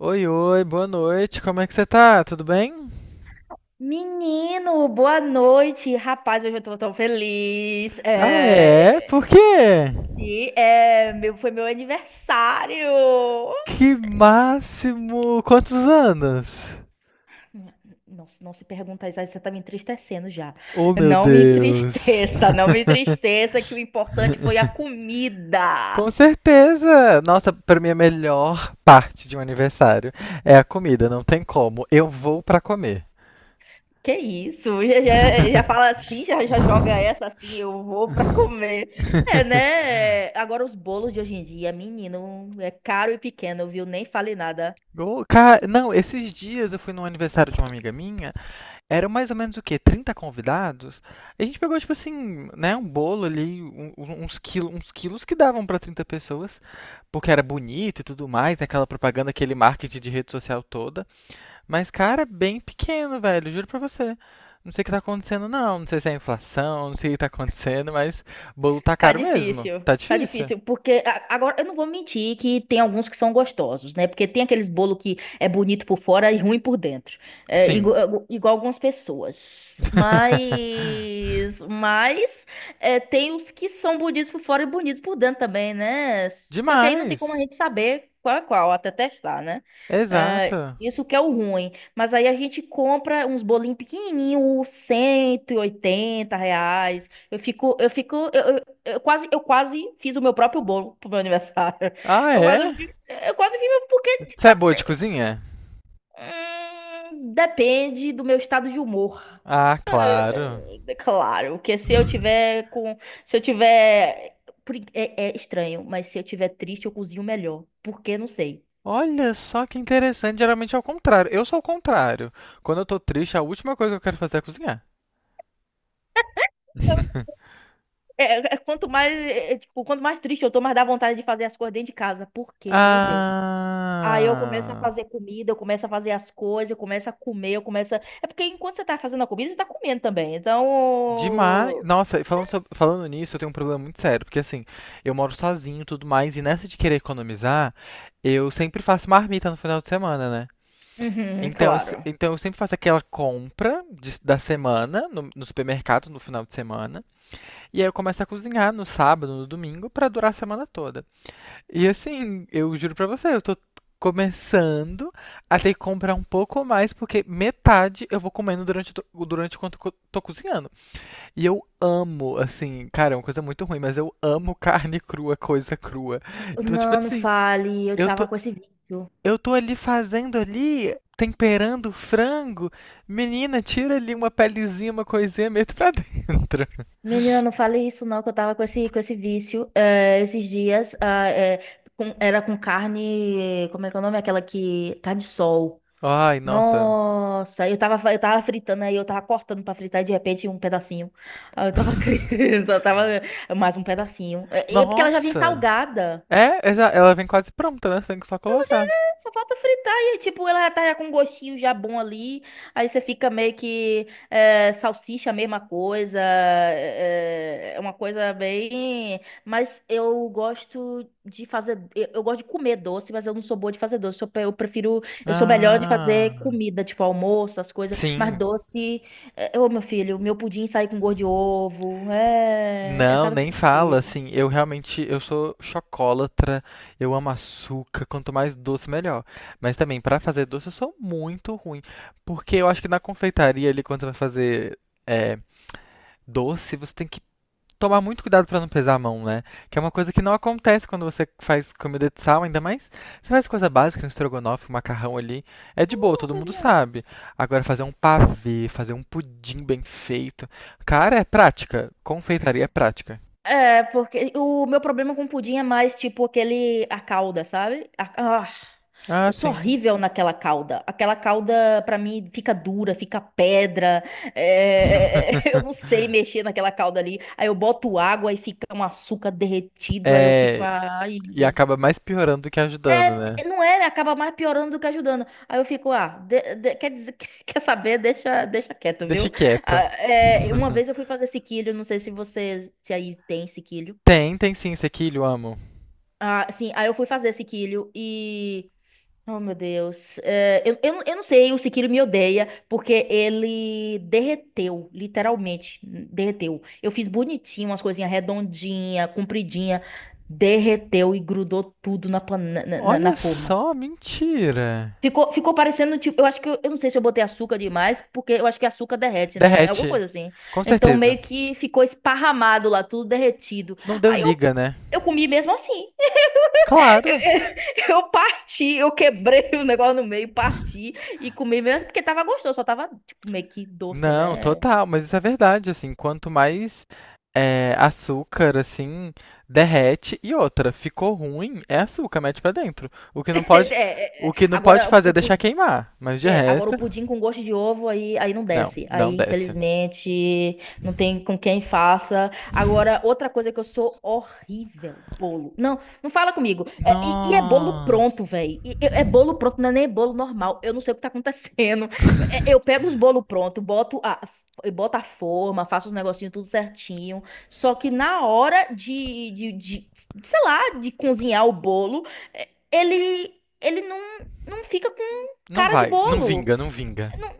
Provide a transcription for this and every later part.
Oi, oi, boa noite. Como é que você tá? Tudo bem? Menino, boa noite. Rapaz, hoje eu tô tão feliz. Ah, é? É, Por é, quê? e é, meu, foi meu aniversário. Que máximo! Quantos anos? Não, não se pergunta isso, aí você tá me entristecendo já. Oh, meu Não me Deus. entristeça, não me entristeça, que o importante foi a comida. Com certeza! Nossa, pra mim a melhor parte de um aniversário é a comida, não tem como. Eu vou pra comer. Que isso? Já, já, já fala assim, já, já joga essa assim, eu vou pra comer. É, né? Agora os bolos de hoje em dia, menino, é caro e pequeno, viu? Nem fale nada. Ô, cara, não, esses dias eu fui num aniversário de uma amiga minha. Eram mais ou menos o quê? 30 convidados? A gente pegou, tipo assim, né, um bolo ali, uns quilos que davam para 30 pessoas, porque era bonito e tudo mais, né, aquela propaganda, aquele marketing de rede social toda. Mas, cara, bem pequeno, velho, juro pra você. Não sei o que tá acontecendo, não. Não sei se é inflação, não sei o que tá acontecendo, mas bolo tá caro mesmo. Tá Tá difícil. difícil, porque agora eu não vou mentir que tem alguns que são gostosos, né? Porque tem aqueles bolo que é bonito por fora e ruim por dentro, é, Sim. Igual, algumas pessoas. Mas é, tem os que são bonitos por fora e bonitos por dentro também, né? Só que aí não tem como a Demais. gente saber qual é qual até testar, né? É, Exato. isso que é o ruim. Mas aí a gente compra uns bolinhos pequenininhos, R$ 180. Eu quase, fiz o meu próprio bolo pro meu aniversário. Ah, Eu quase, é? Eu quase fiz. Porque Você é tá, boa de cozinha? Depende do meu estado de humor. Ah, claro. É claro, porque se eu tiver, é, é estranho, mas se eu tiver triste, eu cozinho melhor, porque não sei. Olha só que interessante. Geralmente é o contrário. Eu sou o contrário. Quando eu tô triste, a última coisa que eu quero fazer é cozinhar. Quanto mais, tipo, quanto mais triste eu tô, mais dá vontade de fazer as coisas dentro de casa, porque, meu Deus. Aí eu começo a Ah, fazer comida, eu começo a fazer as coisas, eu começo a comer, eu começo a... É porque enquanto você tá fazendo a comida, você tá comendo também. demais. Então. Nossa, e falando, falando nisso, eu tenho um problema muito sério, porque assim, eu moro sozinho e tudo mais, e nessa de querer economizar, eu sempre faço marmita no final de semana, né? Uhum, Então, eu, se- claro. então eu sempre faço aquela da semana no supermercado no final de semana, e aí eu começo a cozinhar no sábado, no domingo, pra durar a semana toda. E assim, eu juro pra você, eu tô começando a ter que comprar um pouco mais, porque metade eu vou comendo durante quanto eu tô cozinhando. E eu amo, assim, cara, é uma coisa muito ruim, mas eu amo carne crua, coisa crua. Então, tipo Não, não assim, fale, eu eu tava tô, com esse vício. eu tô ali fazendo ali, temperando o frango. Menina, tira ali uma pelezinha, uma coisinha, meto pra dentro. Menina, não fale isso não, que eu tava com esse vício esses dias. Era com carne, como é que é o nome? Aquela que... Carne de sol. Ai, nossa. Nossa, eu tava fritando aí, eu tava cortando pra fritar e de repente um pedacinho. Aí eu tava, eu tava mais um pedacinho. É é porque ela já vem Nossa. salgada. É, ela vem quase pronta, né? Você tem que só colocar. Só falta fritar e, tipo, ela já tá já com um gostinho já bom ali. Aí você fica meio que é, salsicha, a mesma coisa. É é uma coisa bem. Mas eu gosto de fazer. Eu gosto de comer doce, mas eu não sou boa de fazer doce. Eu, eu prefiro. Eu sou melhor de fazer Ah, comida, tipo almoço, as coisas. Mas sim. doce. Ô, meu filho, meu pudim sai com gosto de ovo. É. É Não, cada nem fala, tristeza. assim, eu realmente, eu sou chocólatra, eu amo açúcar, quanto mais doce, melhor. Mas também, pra fazer doce, eu sou muito ruim, porque eu acho que na confeitaria ali, quando você vai fazer é, doce, você tem que tomar muito cuidado pra não pesar a mão, né? Que é uma coisa que não acontece quando você faz comida de sal, ainda mais você faz coisa básica, um estrogonofe, um macarrão ali, é É de boa, uma todo mundo coisinha. sabe. Agora fazer um pavê, fazer um pudim bem feito, cara, é prática. Confeitaria é prática. É, porque o meu problema com pudim é mais tipo aquele, a calda, sabe? Ah, Eu sou sim. horrível naquela calda. Aquela calda, pra mim, fica dura, fica pedra. Eu não sei mexer naquela calda ali. Aí eu boto água e fica um açúcar derretido. Aí eu fico, É, ai, meu e Deus. acaba mais piorando do que ajudando, né? É, não é, acaba mais piorando do que ajudando. Aí eu fico, ah, quer dizer, quer saber, deixa, deixa quieto, Deixa viu? Ah, quieto. é, uma vez eu fui fazer sequilho, não sei se você, se aí tem sequilho. Tem, tem sim, sequilho, amo. Ah, sim, aí eu fui fazer sequilho e. Oh, meu Deus. É, eu não sei, o sequilho me odeia, porque ele derreteu, literalmente, derreteu. Eu fiz bonitinho, umas coisinhas redondinha, compridinha, derreteu e grudou tudo na, pan- na, na- na Olha forma. só, mentira. Ficou, ficou parecendo, tipo, eu acho que, eu não sei se eu botei açúcar demais, porque eu acho que açúcar derrete, né? É alguma Derrete, coisa assim. com Então, certeza. meio que ficou esparramado lá, tudo derretido. Não deu Aí eu, liga, né? eu comi mesmo assim. Claro. Eu parti, eu quebrei o negócio no meio, parti e comi mesmo porque tava gostoso, só tava tipo meio que doce, Não, né? total, mas isso é verdade, assim, quanto mais é, açúcar, assim, derrete e outra, ficou ruim, é açúcar, mete pra dentro. O que É, não pode, é, o é. que não pode Agora, fazer é o, deixar queimar, mas de é, agora o resto, pudim com gosto de ovo aí, aí não não, desce. não Aí, desce. infelizmente, não tem com quem faça. Agora, outra coisa que eu sou horrível, bolo. Não, não fala comigo. É, e é bolo pronto, Nossa, velho. É bolo pronto, não é nem bolo normal. Eu não sei o que tá acontecendo. É, eu pego os bolos prontos, eu boto a forma, faço os negocinhos tudo certinho. Só que na hora sei lá, de cozinhar o bolo, é, ele não fica não cara de vai, não bolo. vinga, não vinga. Não,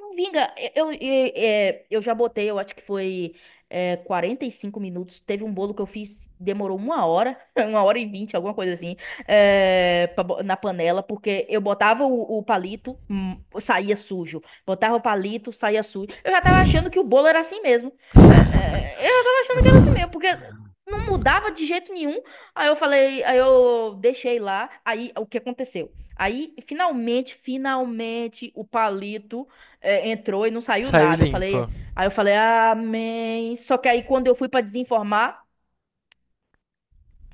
não vinga. É, eu já botei, eu acho que foi é, 45 minutos. Teve um bolo que eu fiz, demorou uma hora, uma hora e vinte, alguma coisa assim, é, na panela, porque eu botava o palito, saía sujo. Botava o palito, saía sujo. Eu já tava achando que o bolo era assim mesmo. É, é, eu já tava achando que era assim mesmo, porque não mudava de jeito nenhum. Aí eu falei, aí eu deixei lá. Aí o que aconteceu? Aí, finalmente, finalmente, o palito é, entrou e não saiu Saiu nada. Limpo, Aí eu falei, amém. Só que aí quando eu fui pra desenformar,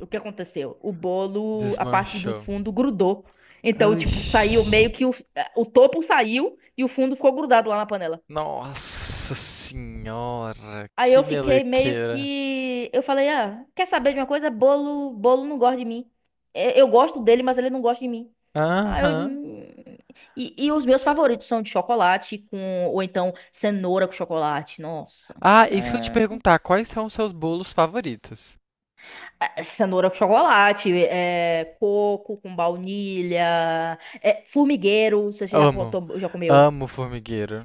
o que aconteceu? O bolo, a parte do desmanchou. fundo grudou. Então, tipo, saiu Ixi. meio que o, é, o topo saiu e o fundo ficou grudado lá na panela. Nossa senhora, Aí que eu fiquei meio melequeira. que, eu falei, ah, quer saber de uma coisa? Bolo, bolo não gosta de mim. É, eu gosto dele, mas ele não gosta de mim. Ah, eu... Aham. E, e os meus favoritos são de chocolate com, ou então cenoura com chocolate. Nossa. Ah, isso que eu ia te É. perguntar, quais são os seus bolos favoritos? É, cenoura com chocolate, é, coco com baunilha, é, formigueiro, você já, Amo, já comeu. amo formigueiro.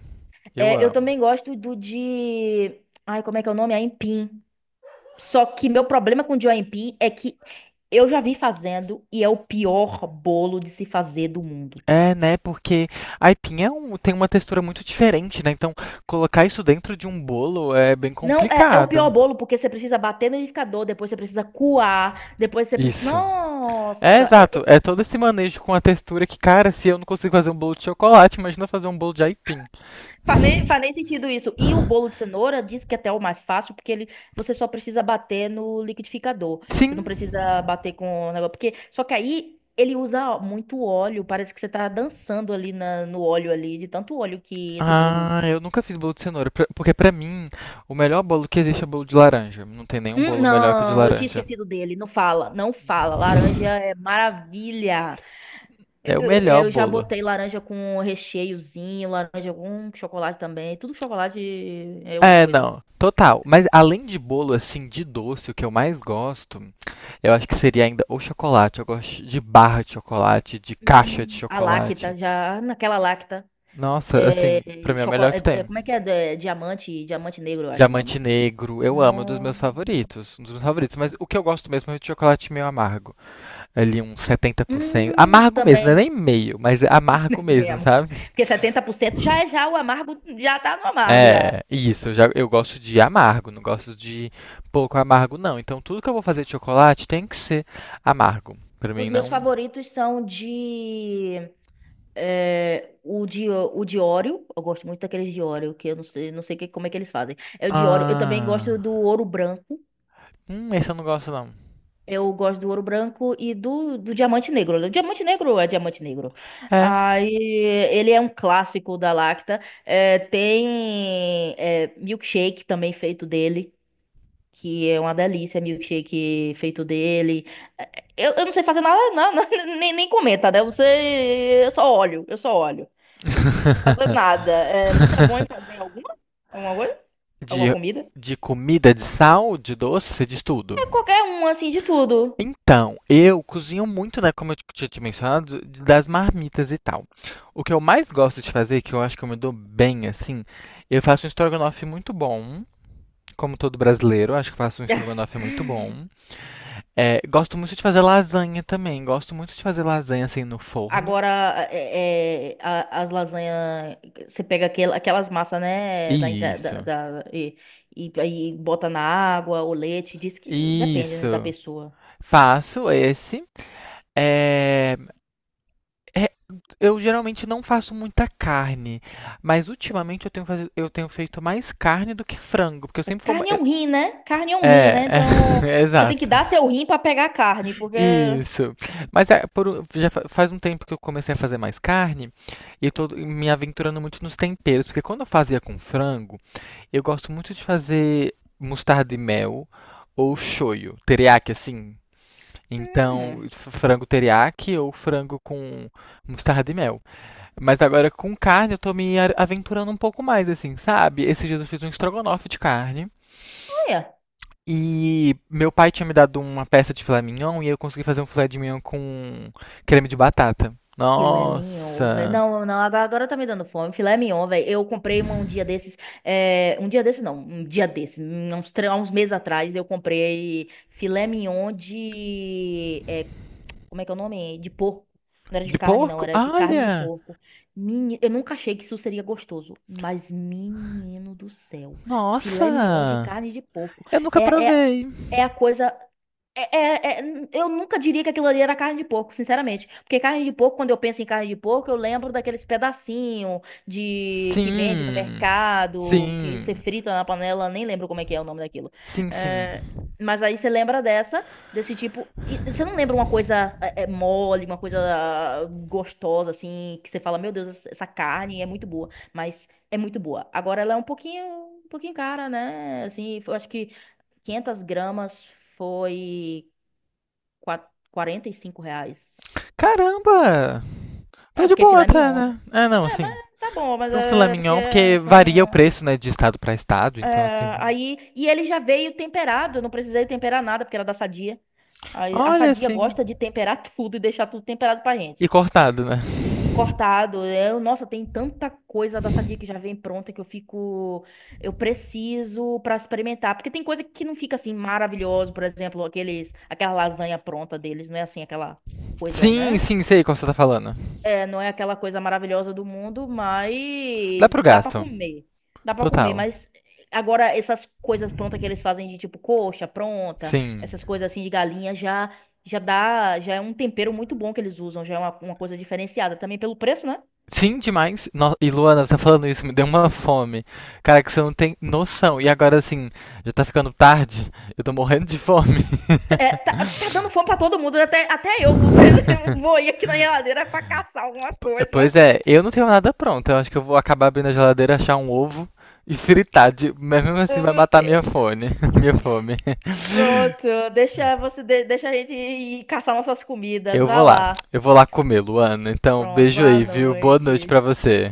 Eu É, eu amo. também gosto do de. Ai, como é que é o nome? Aipim. Só que meu problema com o de aipim é que eu já vi fazendo e é o pior bolo de se fazer do mundo. É, né? Porque aipim é um, tem uma textura muito diferente, né? Então, colocar isso dentro de um bolo é bem Não, é, é o pior complicado. bolo porque você precisa bater no liquidificador, depois você precisa coar, depois você precisa. Isso. É, Nossa! É, exato. É todo esse manejo com a textura que, cara, se eu não consigo fazer um bolo de chocolate, imagina fazer um bolo de aipim. faz nem, faz nem sentido isso. E o bolo de cenoura diz que até é o mais fácil, porque ele, você só precisa bater no liquidificador. Sim. Você não precisa bater com o negócio. Porque, só que aí ele usa muito óleo. Parece que você tá dançando ali no óleo ali, de tanto óleo que esse bolo. Ah, eu nunca fiz bolo de cenoura, porque pra mim o melhor bolo que existe é bolo de laranja. Não tem nenhum bolo melhor que o de Não, eu tinha laranja. esquecido dele. Não fala, não fala. Laranja é maravilha. Eu, É o eu- melhor eu já bolo. botei laranja com recheiozinho, laranja com chocolate também. Tudo chocolate é outra É, coisa. não, total. Mas além de bolo assim de doce, o que eu mais gosto, eu acho que seria ainda o chocolate. Eu gosto de barra de chocolate, de caixa de A chocolate. Lacta, já naquela Lacta. Nossa, É, assim, pra mim é o melhor que tem. como é que é? É, diamante, diamante negro, eu acho o Diamante nome. negro, eu amo, é um dos Nossa. meus favoritos, um dos meus favoritos, mas o que eu gosto mesmo é o de chocolate meio amargo. Ali uns 70% amargo mesmo, não é Também. nem meio, mas é amargo mesmo, Mesmo. sabe? Porque 70% já é já o amargo, já tá no amargo já. É, isso, eu, já, eu gosto de amargo, não gosto de pouco amargo, não. Então tudo que eu vou fazer de chocolate tem que ser amargo. Pra Os mim meus não. favoritos são de é, o de Oreo. Eu gosto muito daqueles de Oreo, que eu não sei como é que eles fazem. É o de Oreo. Eu também gosto Ah. do ouro branco. Esse eu não gosto, não. Eu gosto do ouro branco e do diamante negro. O diamante negro é diamante negro. É. Aí ele é um clássico da Lacta. É, tem é, milkshake também feito dele, que é uma delícia, milkshake feito dele. Eu não sei fazer nada, não, não, nem, nem comenta, né? Você, eu só olho, eu só olho. Não sei fazer nada. É, você é bom em fazer alguma, alguma coisa? Alguma de, comida? de comida, de sal, de doce, você diz tudo. É qualquer um, assim, de tudo. Então, eu cozinho muito, né, como eu tinha te mencionado, das marmitas e tal. O que eu mais gosto de fazer, que eu acho que eu me dou bem, assim, eu faço um estrogonofe muito bom, como todo brasileiro, acho que faço um estrogonofe muito bom. É, gosto muito de fazer lasanha também, gosto muito de fazer lasanha, assim, no forno. Agora, é, é, as lasanhas, você pega aquelas massas, né, da, inte- da, Isso, da- e, aí bota na água, o leite, diz que depende, né, da isso. pessoa. Faço esse. É, é Eu geralmente não faço muita carne, mas ultimamente eu tenho, eu tenho feito mais carne do que frango, porque eu É, sempre fui. Carne é um rim, né? Carne é um rim, É, né? é, Então, é você tem que exato. dar seu rim pra pegar a carne, porque... Isso. Mas é, já faz um tempo que eu comecei a fazer mais carne e eu tô me aventurando muito nos temperos, porque quando eu fazia com frango, eu gosto muito de fazer mostarda e mel ou shoyu, teriyaki assim. Então, Hum, frango teriyaki ou frango com mostarda e mel. Mas agora com carne eu tô me aventurando um pouco mais, assim, sabe? Esses dias eu fiz um estrogonofe de carne. olha. E meu pai tinha me dado uma peça de filé mignon e eu consegui fazer um filé de mignon com creme de batata. Filé mignon, velho. Nossa! Não, não, agora, agora tá me dando fome. Filé mignon, velho. Eu comprei um, um dia desses. É, um dia desses, não. Um dia desses. Uns, uns meses atrás, eu comprei filé mignon de. É, como é que é o nome? De porco. Não era de De carne, não. porco? Era de carne de Olha! porco. Eu nunca achei que isso seria gostoso. Mas, menino do céu. Filé mignon de Nossa! carne de porco. Eu nunca É, é, provei. é a coisa. É- é- é- eu nunca diria que aquilo ali era carne de porco, sinceramente. Porque carne de porco, quando eu penso em carne de porco, eu lembro daqueles pedacinhos de que vende no Sim. mercado, que você Sim. frita na panela, nem lembro como é que é o nome daquilo. Sim, sim. É, mas aí você lembra dessa, desse tipo. E você não lembra uma coisa é, é, mole, uma coisa ah, gostosa, assim, que você fala, meu Deus, essa carne é muito boa. Mas é muito boa. Agora ela é um pouquinho cara, né? Assim, eu acho que. 500 gramas foi quatro quarenta e cinco reais. Caramba! É, Tô de porque é boa filé até, mignon, né? né? É, não, É, mas assim. tá bom, mas Para um filé é porque mignon, é porque filé varia o mignon. preço, né, de estado para estado, É, então assim. aí, e ele já veio temperado, eu não precisei temperar nada, porque era da Sadia. Aí, a Olha Sadia assim. gosta de temperar tudo e deixar tudo temperado pra E gente. cortado, né? E cortado. Eu, nossa, tem tanta coisa da Sadia que já vem pronta que eu fico. Eu preciso pra experimentar. Porque tem coisa que não fica assim maravilhoso, por exemplo, aqueles, aquela lasanha pronta deles, não é assim aquela coisa, Sim, né? sim, sei qual você tá falando. É, não é aquela coisa maravilhosa do mundo, Dá mas pro dá pra gasto. comer. Dá pra comer, Total. mas agora essas coisas prontas que eles fazem de tipo coxa pronta, Sim. essas coisas assim de galinha já já dá, já é um tempero muito bom que eles usam, já é uma coisa diferenciada também pelo preço, né? Sim, demais. E Luana, você tá falando isso, me deu uma fome. Cara, que você não tem noção. E agora, assim, já tá ficando tarde. Eu tô morrendo de fome. É, tá, tá dando fome pra todo mundo, até, até eu vou, vou ir aqui na geladeira pra caçar alguma coisa. Pois é, eu não tenho nada pronto. Eu acho que eu vou acabar abrindo a geladeira, achar um ovo e fritar. De... Mas mesmo assim Oh, vai meu matar minha Deus. fome. Minha fome. Pronto, deixa você deixa a gente ir caçar nossas comidas, Eu vou vai lá. lá. Eu vou lá comer, Luana. Então, Pronto, beijo boa aí, viu? Boa noite noite. pra você.